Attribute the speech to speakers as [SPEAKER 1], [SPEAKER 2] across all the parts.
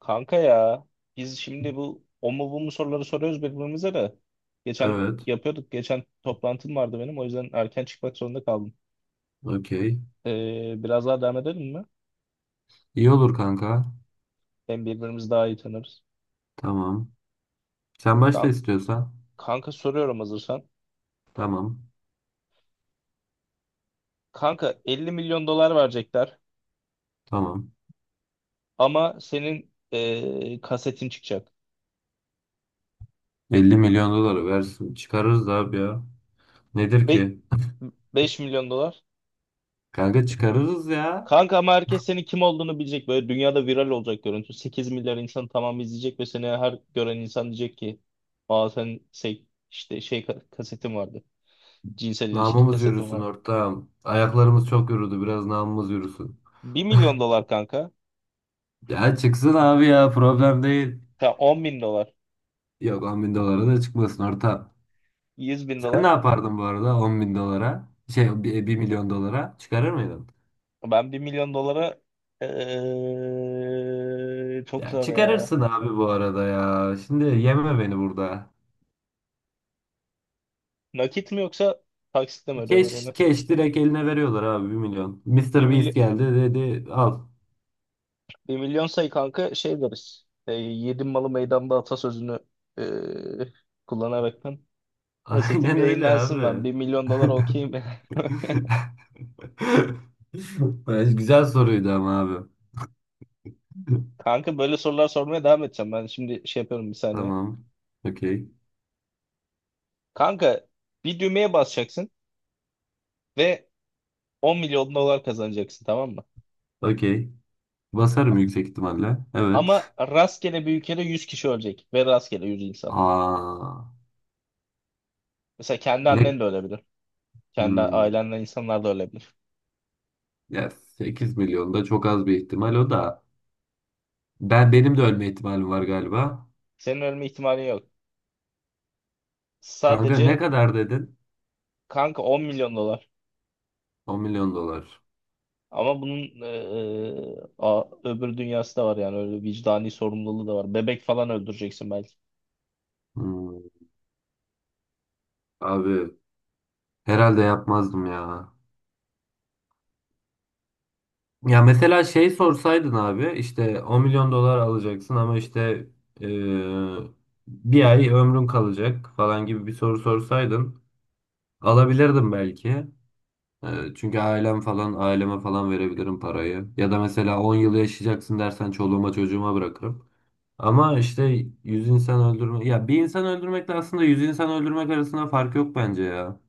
[SPEAKER 1] Kanka ya, biz şimdi bu o mu bu mu soruları soruyoruz birbirimize de. Geçen
[SPEAKER 2] Evet.
[SPEAKER 1] yapıyorduk. Geçen toplantım vardı benim. O yüzden erken çıkmak zorunda kaldım.
[SPEAKER 2] Okey.
[SPEAKER 1] Biraz daha devam edelim mi?
[SPEAKER 2] İyi olur kanka.
[SPEAKER 1] Hem birbirimizi daha iyi tanırız.
[SPEAKER 2] Tamam. Sen başla
[SPEAKER 1] Kan-
[SPEAKER 2] istiyorsan.
[SPEAKER 1] kanka soruyorum hazırsan.
[SPEAKER 2] Tamam.
[SPEAKER 1] Kanka, 50 milyon dolar verecekler
[SPEAKER 2] Tamam.
[SPEAKER 1] ama senin kasetin çıkacak.
[SPEAKER 2] 50 milyon doları versin. Çıkarırız abi ya. Nedir
[SPEAKER 1] Be
[SPEAKER 2] ki?
[SPEAKER 1] 5 milyon dolar.
[SPEAKER 2] Kanka çıkarırız ya.
[SPEAKER 1] Kanka, ama herkes senin kim olduğunu bilecek. Böyle dünyada viral olacak görüntü. 8 milyar insan, tamamı izleyecek ve seni her gören insan diyecek ki: Aa, sen şey, işte şey kasetin vardı. Cinsel ilişki
[SPEAKER 2] Namımız
[SPEAKER 1] kasetin
[SPEAKER 2] yürüsün
[SPEAKER 1] var.
[SPEAKER 2] ortağım. Ayaklarımız çok yürüdü. Biraz namımız yürüsün.
[SPEAKER 1] Bir milyon dolar kanka.
[SPEAKER 2] Ya çıksın abi ya. Problem değil.
[SPEAKER 1] Ya, 10 bin dolar.
[SPEAKER 2] Yok 10 bin dolara da çıkmasın ortağım.
[SPEAKER 1] yüz bin
[SPEAKER 2] Sen ne
[SPEAKER 1] dolar.
[SPEAKER 2] yapardın bu arada 10 bin dolara? Şey bir milyon dolara çıkarır mıydın?
[SPEAKER 1] Ben 1 milyon dolara çok
[SPEAKER 2] Ya
[SPEAKER 1] zor ya.
[SPEAKER 2] çıkarırsın abi bu arada ya. Şimdi yeme beni burada.
[SPEAKER 1] Nakit mi yoksa taksitle mi ödüyorlar
[SPEAKER 2] Keş,
[SPEAKER 1] onu?
[SPEAKER 2] keş direkt eline veriyorlar abi 1 milyon. Mister Beast
[SPEAKER 1] 1.
[SPEAKER 2] geldi dedi al.
[SPEAKER 1] Bir milyon sayı kanka, şey deriz. Yedim malı meydanda atasözünü e, kullanarak ben kasetim
[SPEAKER 2] Aynen öyle
[SPEAKER 1] yayınlansın ben.
[SPEAKER 2] abi.
[SPEAKER 1] 1 milyon dolar okeyim.
[SPEAKER 2] Güzel soruydu ama abi.
[SPEAKER 1] Kanka, böyle sorular sormaya devam edeceğim. Ben şimdi şey yapıyorum, bir saniye.
[SPEAKER 2] Tamam. Okey.
[SPEAKER 1] Kanka, bir düğmeye basacaksın ve 10 milyon dolar kazanacaksın, tamam mı?
[SPEAKER 2] Okey. Basarım yüksek ihtimalle. Evet.
[SPEAKER 1] Ama rastgele bir ülkede 100 kişi ölecek ve rastgele 100 insan.
[SPEAKER 2] Aa,
[SPEAKER 1] Mesela kendi
[SPEAKER 2] ne?
[SPEAKER 1] annen de ölebilir. Kendi
[SPEAKER 2] Hmm.
[SPEAKER 1] ailenden insanlar da ölebilir.
[SPEAKER 2] Ya 8 milyon da çok az bir ihtimal o da. Ben benim de ölme ihtimalim var galiba.
[SPEAKER 1] Senin ölme ihtimalin yok.
[SPEAKER 2] Kanka ne
[SPEAKER 1] Sadece
[SPEAKER 2] kadar dedin?
[SPEAKER 1] kanka, 10 milyon dolar.
[SPEAKER 2] 10 milyon dolar.
[SPEAKER 1] Ama bunun öbür dünyası da var, yani öyle vicdani sorumluluğu da var. Bebek falan öldüreceksin belki.
[SPEAKER 2] Hmm. Abi herhalde yapmazdım ya. Ya mesela şey sorsaydın abi işte 10 milyon dolar alacaksın ama işte e, bir ay ömrün kalacak falan gibi bir soru sorsaydın alabilirdim belki. Çünkü ailem falan aileme falan verebilirim parayı. Ya da mesela 10 yıl yaşayacaksın dersen çoluğuma çocuğuma bırakırım. Ama işte 100 insan öldürme ya bir insan öldürmekle aslında 100 insan öldürmek arasında fark yok bence ya.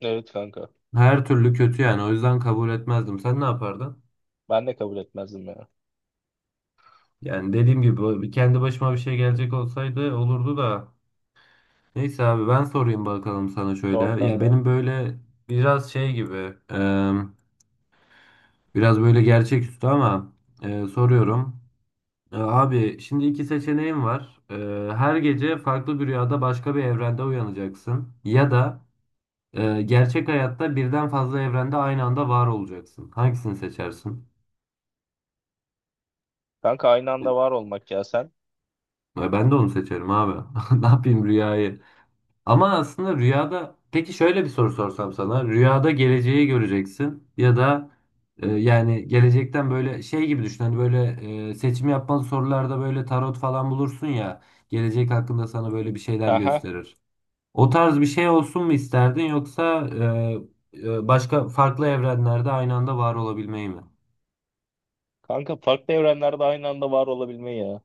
[SPEAKER 1] Evet, kanka.
[SPEAKER 2] Her türlü kötü yani o yüzden kabul etmezdim. Sen ne yapardın?
[SPEAKER 1] Ben de kabul etmezdim ya.
[SPEAKER 2] Yani dediğim gibi kendi başıma bir şey gelecek olsaydı olurdu da. Neyse abi ben sorayım bakalım sana şöyle.
[SPEAKER 1] Zor,
[SPEAKER 2] Ya
[SPEAKER 1] kanka.
[SPEAKER 2] benim böyle biraz şey gibi e, biraz böyle gerçeküstü ama soruyorum. Abi şimdi iki seçeneğim var. Her gece farklı bir rüyada başka bir evrende uyanacaksın. Ya da gerçek hayatta birden fazla evrende aynı anda var olacaksın. Hangisini seçersin?
[SPEAKER 1] Kanka, aynı anda var olmak ya sen.
[SPEAKER 2] Ben de onu seçerim abi. Ne yapayım rüyayı? Ama aslında rüyada peki şöyle bir soru sorsam sana. Rüyada geleceği göreceksin ya da yani gelecekten böyle şey gibi düşün. Hani böyle seçim yapmalı sorularda böyle tarot falan bulursun ya. Gelecek hakkında sana böyle bir şeyler
[SPEAKER 1] Aha.
[SPEAKER 2] gösterir. O tarz bir şey olsun mu isterdin yoksa başka farklı evrenlerde aynı anda var olabilmeyi mi?
[SPEAKER 1] Kanka, farklı evrenlerde aynı anda var olabilme ya.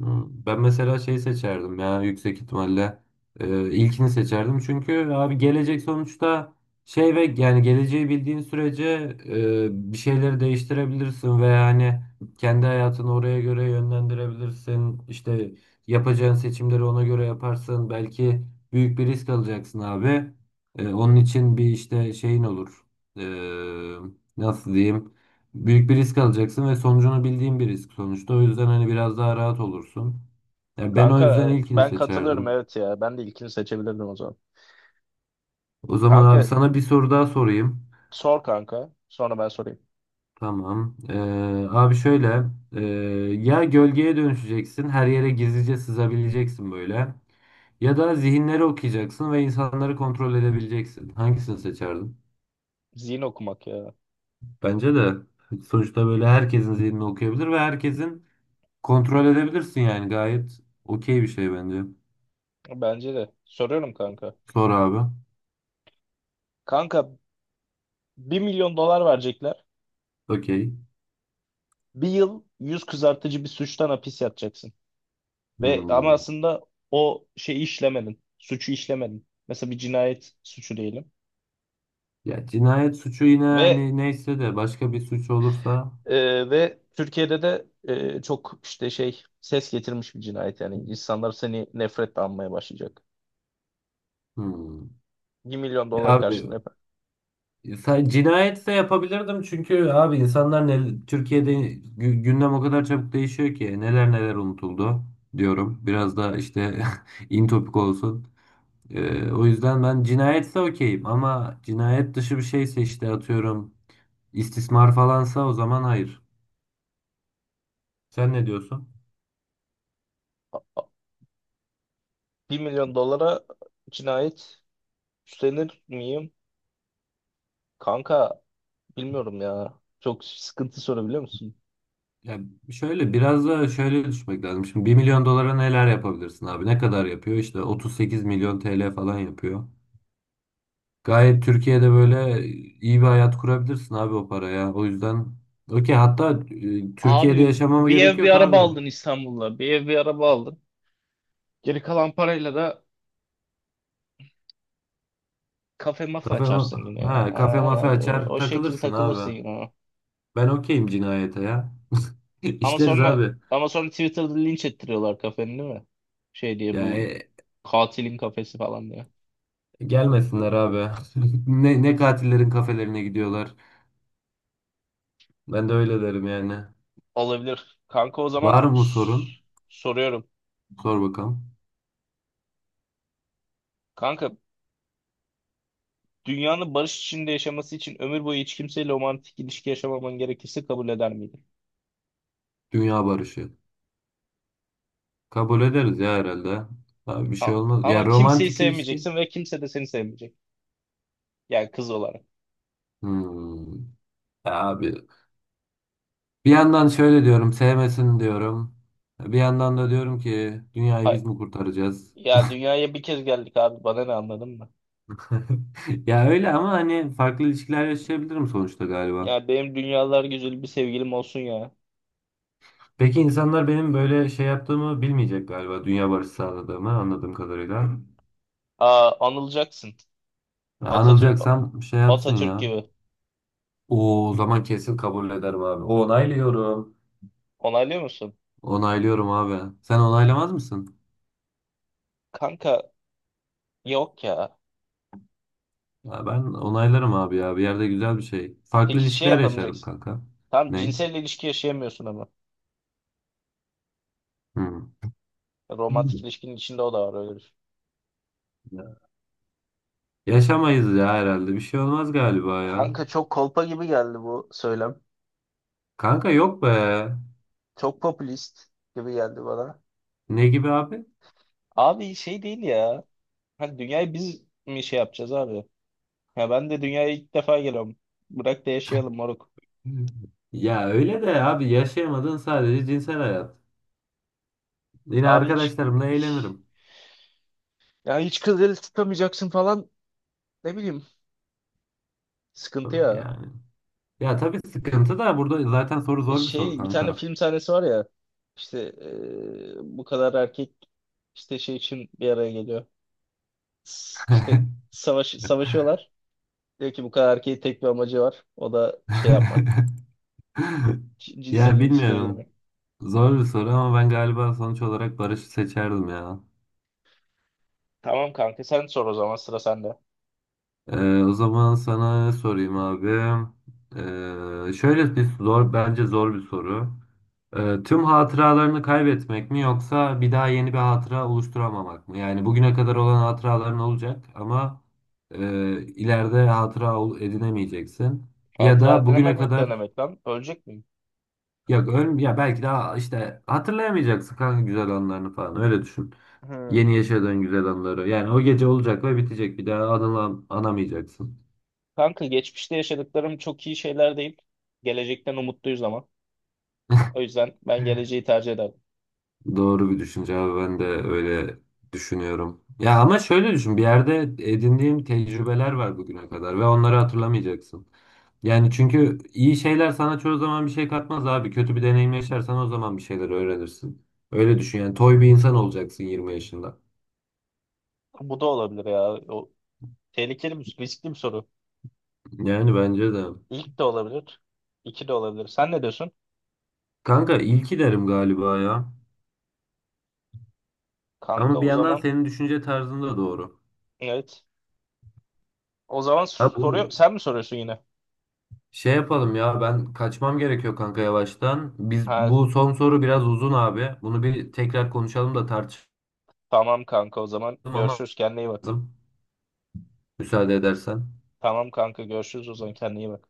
[SPEAKER 2] Hmm. Ben mesela şey seçerdim ya yüksek ihtimalle. İlkini seçerdim çünkü abi gelecek sonuçta şey ve yani geleceği bildiğin sürece bir şeyleri değiştirebilirsin ve yani kendi hayatını oraya göre yönlendirebilirsin işte yapacağın seçimleri ona göre yaparsın belki büyük bir risk alacaksın abi. Onun için bir işte şeyin olur. Ee, nasıl diyeyim. Büyük bir risk alacaksın ve sonucunu bildiğin bir risk sonuçta. O yüzden hani biraz daha rahat olursun. Ya ben o
[SPEAKER 1] Kanka,
[SPEAKER 2] yüzden ilkini
[SPEAKER 1] ben katılıyorum,
[SPEAKER 2] seçerdim.
[SPEAKER 1] evet ya. Ben de ilkini seçebilirdim o zaman.
[SPEAKER 2] O zaman abi
[SPEAKER 1] Kanka,
[SPEAKER 2] sana bir soru daha sorayım.
[SPEAKER 1] sor kanka. Sonra ben sorayım.
[SPEAKER 2] Tamam. Abi şöyle. ee, ya gölgeye dönüşeceksin. Her yere gizlice sızabileceksin böyle. Ya da zihinleri okuyacaksın ve insanları kontrol edebileceksin. Hangisini seçerdin?
[SPEAKER 1] Zihin okumak ya.
[SPEAKER 2] Bence de sonuçta böyle herkesin zihnini okuyabilir ve herkesin kontrol edebilirsin yani gayet okey bir şey bence.
[SPEAKER 1] Bence de. Soruyorum kanka.
[SPEAKER 2] Sor abi.
[SPEAKER 1] Kanka, 1 milyon dolar verecekler.
[SPEAKER 2] Okey.
[SPEAKER 1] Bir yıl yüz kızartıcı bir suçtan hapis yatacaksın. Ve ama
[SPEAKER 2] Hmm.
[SPEAKER 1] aslında o şeyi işlemedin. Suçu işlemedin. Mesela bir cinayet suçu diyelim.
[SPEAKER 2] Ya cinayet suçu yine
[SPEAKER 1] Ve
[SPEAKER 2] hani neyse de başka bir suç olursa.
[SPEAKER 1] ve Türkiye'de de çok işte şey ses getirmiş bir cinayet, yani insanlar seni nefretle anmaya başlayacak.
[SPEAKER 2] Hmm.
[SPEAKER 1] Bir milyon
[SPEAKER 2] Ya
[SPEAKER 1] dolar karşılığında
[SPEAKER 2] abi
[SPEAKER 1] yapar.
[SPEAKER 2] sen cinayetse yapabilirdim çünkü abi insanlar ne, Türkiye'de gündem o kadar çabuk değişiyor ki neler neler unutuldu diyorum. Biraz da işte in topik olsun. O yüzden ben cinayetse okeyim ama cinayet dışı bir şeyse işte atıyorum istismar falansa o zaman hayır. Sen ne diyorsun?
[SPEAKER 1] 1 milyon dolara cinayet üstlenir miyim? Kanka, bilmiyorum ya. Çok sıkıntı sorabiliyor musun?
[SPEAKER 2] Ya şöyle biraz da şöyle düşmek lazım. Şimdi 1 milyon dolara neler yapabilirsin abi? Ne kadar yapıyor? İşte 38 milyon TL falan yapıyor. Gayet Türkiye'de böyle iyi bir hayat kurabilirsin abi o paraya. O yüzden okey hatta Türkiye'de
[SPEAKER 1] Abi,
[SPEAKER 2] yaşamama
[SPEAKER 1] bir
[SPEAKER 2] gerek
[SPEAKER 1] ev bir
[SPEAKER 2] yok
[SPEAKER 1] araba
[SPEAKER 2] abi.
[SPEAKER 1] aldın İstanbul'da. Bir ev bir araba aldın. Geri kalan parayla da kafe masa
[SPEAKER 2] Kafe
[SPEAKER 1] açarsın
[SPEAKER 2] ma-
[SPEAKER 1] yine ya.
[SPEAKER 2] ha kafe
[SPEAKER 1] Ay, ay,
[SPEAKER 2] mafe
[SPEAKER 1] o,
[SPEAKER 2] açar
[SPEAKER 1] o şekilde
[SPEAKER 2] takılırsın
[SPEAKER 1] takılırsın
[SPEAKER 2] abi.
[SPEAKER 1] yine.
[SPEAKER 2] Ben okeyim cinayete ya.
[SPEAKER 1] Ama
[SPEAKER 2] İşleriz
[SPEAKER 1] sonra
[SPEAKER 2] abi.
[SPEAKER 1] ama sonra Twitter'da linç ettiriyorlar kafeni, değil mi? Şey diye,
[SPEAKER 2] Ya
[SPEAKER 1] bu katilin kafesi falan diye.
[SPEAKER 2] gelmesinler abi. Ne katillerin kafelerine gidiyorlar. Ben de öyle derim yani.
[SPEAKER 1] Olabilir. Kanka, o zaman
[SPEAKER 2] Var mı sorun?
[SPEAKER 1] soruyorum.
[SPEAKER 2] Sor bakalım.
[SPEAKER 1] Kanka, dünyanın barış içinde yaşaması için ömür boyu hiç kimseyle romantik ilişki yaşamaman gerekirse, kabul eder miydin?
[SPEAKER 2] Dünya barışı. Kabul ederiz ya herhalde. Abi bir
[SPEAKER 1] A-
[SPEAKER 2] şey olmaz. Ya
[SPEAKER 1] ama kimseyi
[SPEAKER 2] romantik ilişki.
[SPEAKER 1] sevmeyeceksin ve kimse de seni sevmeyecek. Yani kız olarak.
[SPEAKER 2] Hmm. Ya abi bir yandan şöyle diyorum sevmesin diyorum. Bir yandan da diyorum ki dünyayı biz
[SPEAKER 1] Ha,
[SPEAKER 2] mi kurtaracağız?
[SPEAKER 1] ya dünyaya bir kez geldik abi, bana ne, anladın mı?
[SPEAKER 2] Ya öyle ama hani farklı ilişkiler yaşayabilirim sonuçta galiba.
[SPEAKER 1] Ya benim dünyalar güzeli bir sevgilim olsun ya.
[SPEAKER 2] Peki insanlar benim böyle şey yaptığımı bilmeyecek galiba. Dünya barışı sağladığımı anladığım kadarıyla.
[SPEAKER 1] Aa, anılacaksın. Atatürk
[SPEAKER 2] Anılacaksam şey yapsın
[SPEAKER 1] Atatürk
[SPEAKER 2] ya.
[SPEAKER 1] gibi.
[SPEAKER 2] Oo, o zaman kesin kabul ederim abi. Onaylıyorum.
[SPEAKER 1] Onaylıyor musun?
[SPEAKER 2] Onaylıyorum abi. Sen onaylamaz mısın?
[SPEAKER 1] Kanka, yok ya.
[SPEAKER 2] Ya ben onaylarım abi ya. Bir yerde güzel bir şey. Farklı
[SPEAKER 1] Peki şey
[SPEAKER 2] ilişkiler yaşarım
[SPEAKER 1] yapamayacaksın.
[SPEAKER 2] kanka.
[SPEAKER 1] Tam
[SPEAKER 2] Ne?
[SPEAKER 1] cinsel ilişki yaşayamıyorsun ama.
[SPEAKER 2] Hı.
[SPEAKER 1] Romantik ilişkinin içinde o da var, öyle bir şey.
[SPEAKER 2] Ya. Yaşamayız ya herhalde. Bir şey olmaz galiba ya.
[SPEAKER 1] Kanka, çok kolpa gibi geldi bu söylem.
[SPEAKER 2] Kanka yok be.
[SPEAKER 1] Çok popülist gibi geldi bana.
[SPEAKER 2] Ne gibi abi?
[SPEAKER 1] Abi, şey değil ya. Hani dünyayı biz mi şey yapacağız abi? Ya ben de dünyaya ilk defa geliyorum. Bırak da yaşayalım moruk.
[SPEAKER 2] Ya öyle de abi yaşayamadığın sadece cinsel hayat. Yine
[SPEAKER 1] Abi hiç
[SPEAKER 2] arkadaşlarımla eğlenirim.
[SPEAKER 1] Ya hiç kız eli tutamayacaksın falan, ne bileyim, sıkıntı ya.
[SPEAKER 2] Yani. Ya tabii sıkıntı da burada zaten soru zor bir soru
[SPEAKER 1] Şey, bir tane
[SPEAKER 2] kanka.
[SPEAKER 1] film sahnesi var ya işte, bu kadar erkek işte şey için bir araya geliyor. İşte savaşıyorlar. Diyor ki bu kadar erkeğin tek bir amacı var. O da şey yapmak. Cinsel
[SPEAKER 2] Ya
[SPEAKER 1] ilişkiye
[SPEAKER 2] bilmiyorum.
[SPEAKER 1] girmek.
[SPEAKER 2] Zor bir soru ama ben galiba sonuç olarak Barış'ı seçerdim ya.
[SPEAKER 1] Tamam kanka, sen sor o zaman, sıra sende.
[SPEAKER 2] O zaman sana ne sorayım abi? Şöyle bir zor, bence zor bir soru. Tüm hatıralarını kaybetmek mi yoksa bir daha yeni bir hatıra oluşturamamak mı? Yani bugüne kadar olan hatıraların olacak ama e, ileride hatıra edinemeyeceksin. Ya
[SPEAKER 1] Hatıra
[SPEAKER 2] da bugüne
[SPEAKER 1] dinlememek
[SPEAKER 2] kadar
[SPEAKER 1] denemek lan. Ölecek miyim?
[SPEAKER 2] ya belki daha işte hatırlayamayacaksın kanka güzel anlarını falan öyle düşün.
[SPEAKER 1] Hı.
[SPEAKER 2] Yeni yaşadığın güzel anıları. Yani o gece olacak ve bitecek. Bir daha anamayacaksın.
[SPEAKER 1] Kanka, geçmişte yaşadıklarım çok iyi şeyler değil. Gelecekten umutluyuz ama. O yüzden ben geleceği tercih ederdim.
[SPEAKER 2] Doğru bir düşünce abi. Ben de öyle düşünüyorum. Ya ama şöyle düşün. Bir yerde edindiğim tecrübeler var bugüne kadar ve onları hatırlamayacaksın. Yani çünkü iyi şeyler sana çoğu zaman bir şey katmaz abi. Kötü bir deneyim yaşarsan o zaman bir şeyler öğrenirsin. Öyle düşün yani. Toy bir insan olacaksın 20 yaşında.
[SPEAKER 1] Bu da olabilir ya. O riskli bir soru.
[SPEAKER 2] Yani bence de.
[SPEAKER 1] İlk de olabilir. İki de olabilir. Sen ne diyorsun?
[SPEAKER 2] Kanka ilki derim galiba ya.
[SPEAKER 1] Kanka,
[SPEAKER 2] Ama bir
[SPEAKER 1] o
[SPEAKER 2] yandan
[SPEAKER 1] zaman
[SPEAKER 2] senin düşünce tarzın da doğru.
[SPEAKER 1] evet. O zaman
[SPEAKER 2] Ha bu
[SPEAKER 1] soruyor. Sen mi soruyorsun yine?
[SPEAKER 2] şey yapalım ya ben kaçmam gerekiyor kanka yavaştan. Biz
[SPEAKER 1] Ha,
[SPEAKER 2] bu son soru biraz uzun abi. Bunu bir tekrar konuşalım da tartışalım
[SPEAKER 1] tamam kanka, o zaman
[SPEAKER 2] ama
[SPEAKER 1] görüşürüz, kendine iyi bak.
[SPEAKER 2] lazım. Müsaade edersen.
[SPEAKER 1] Tamam kanka, görüşürüz o zaman, kendine iyi bak.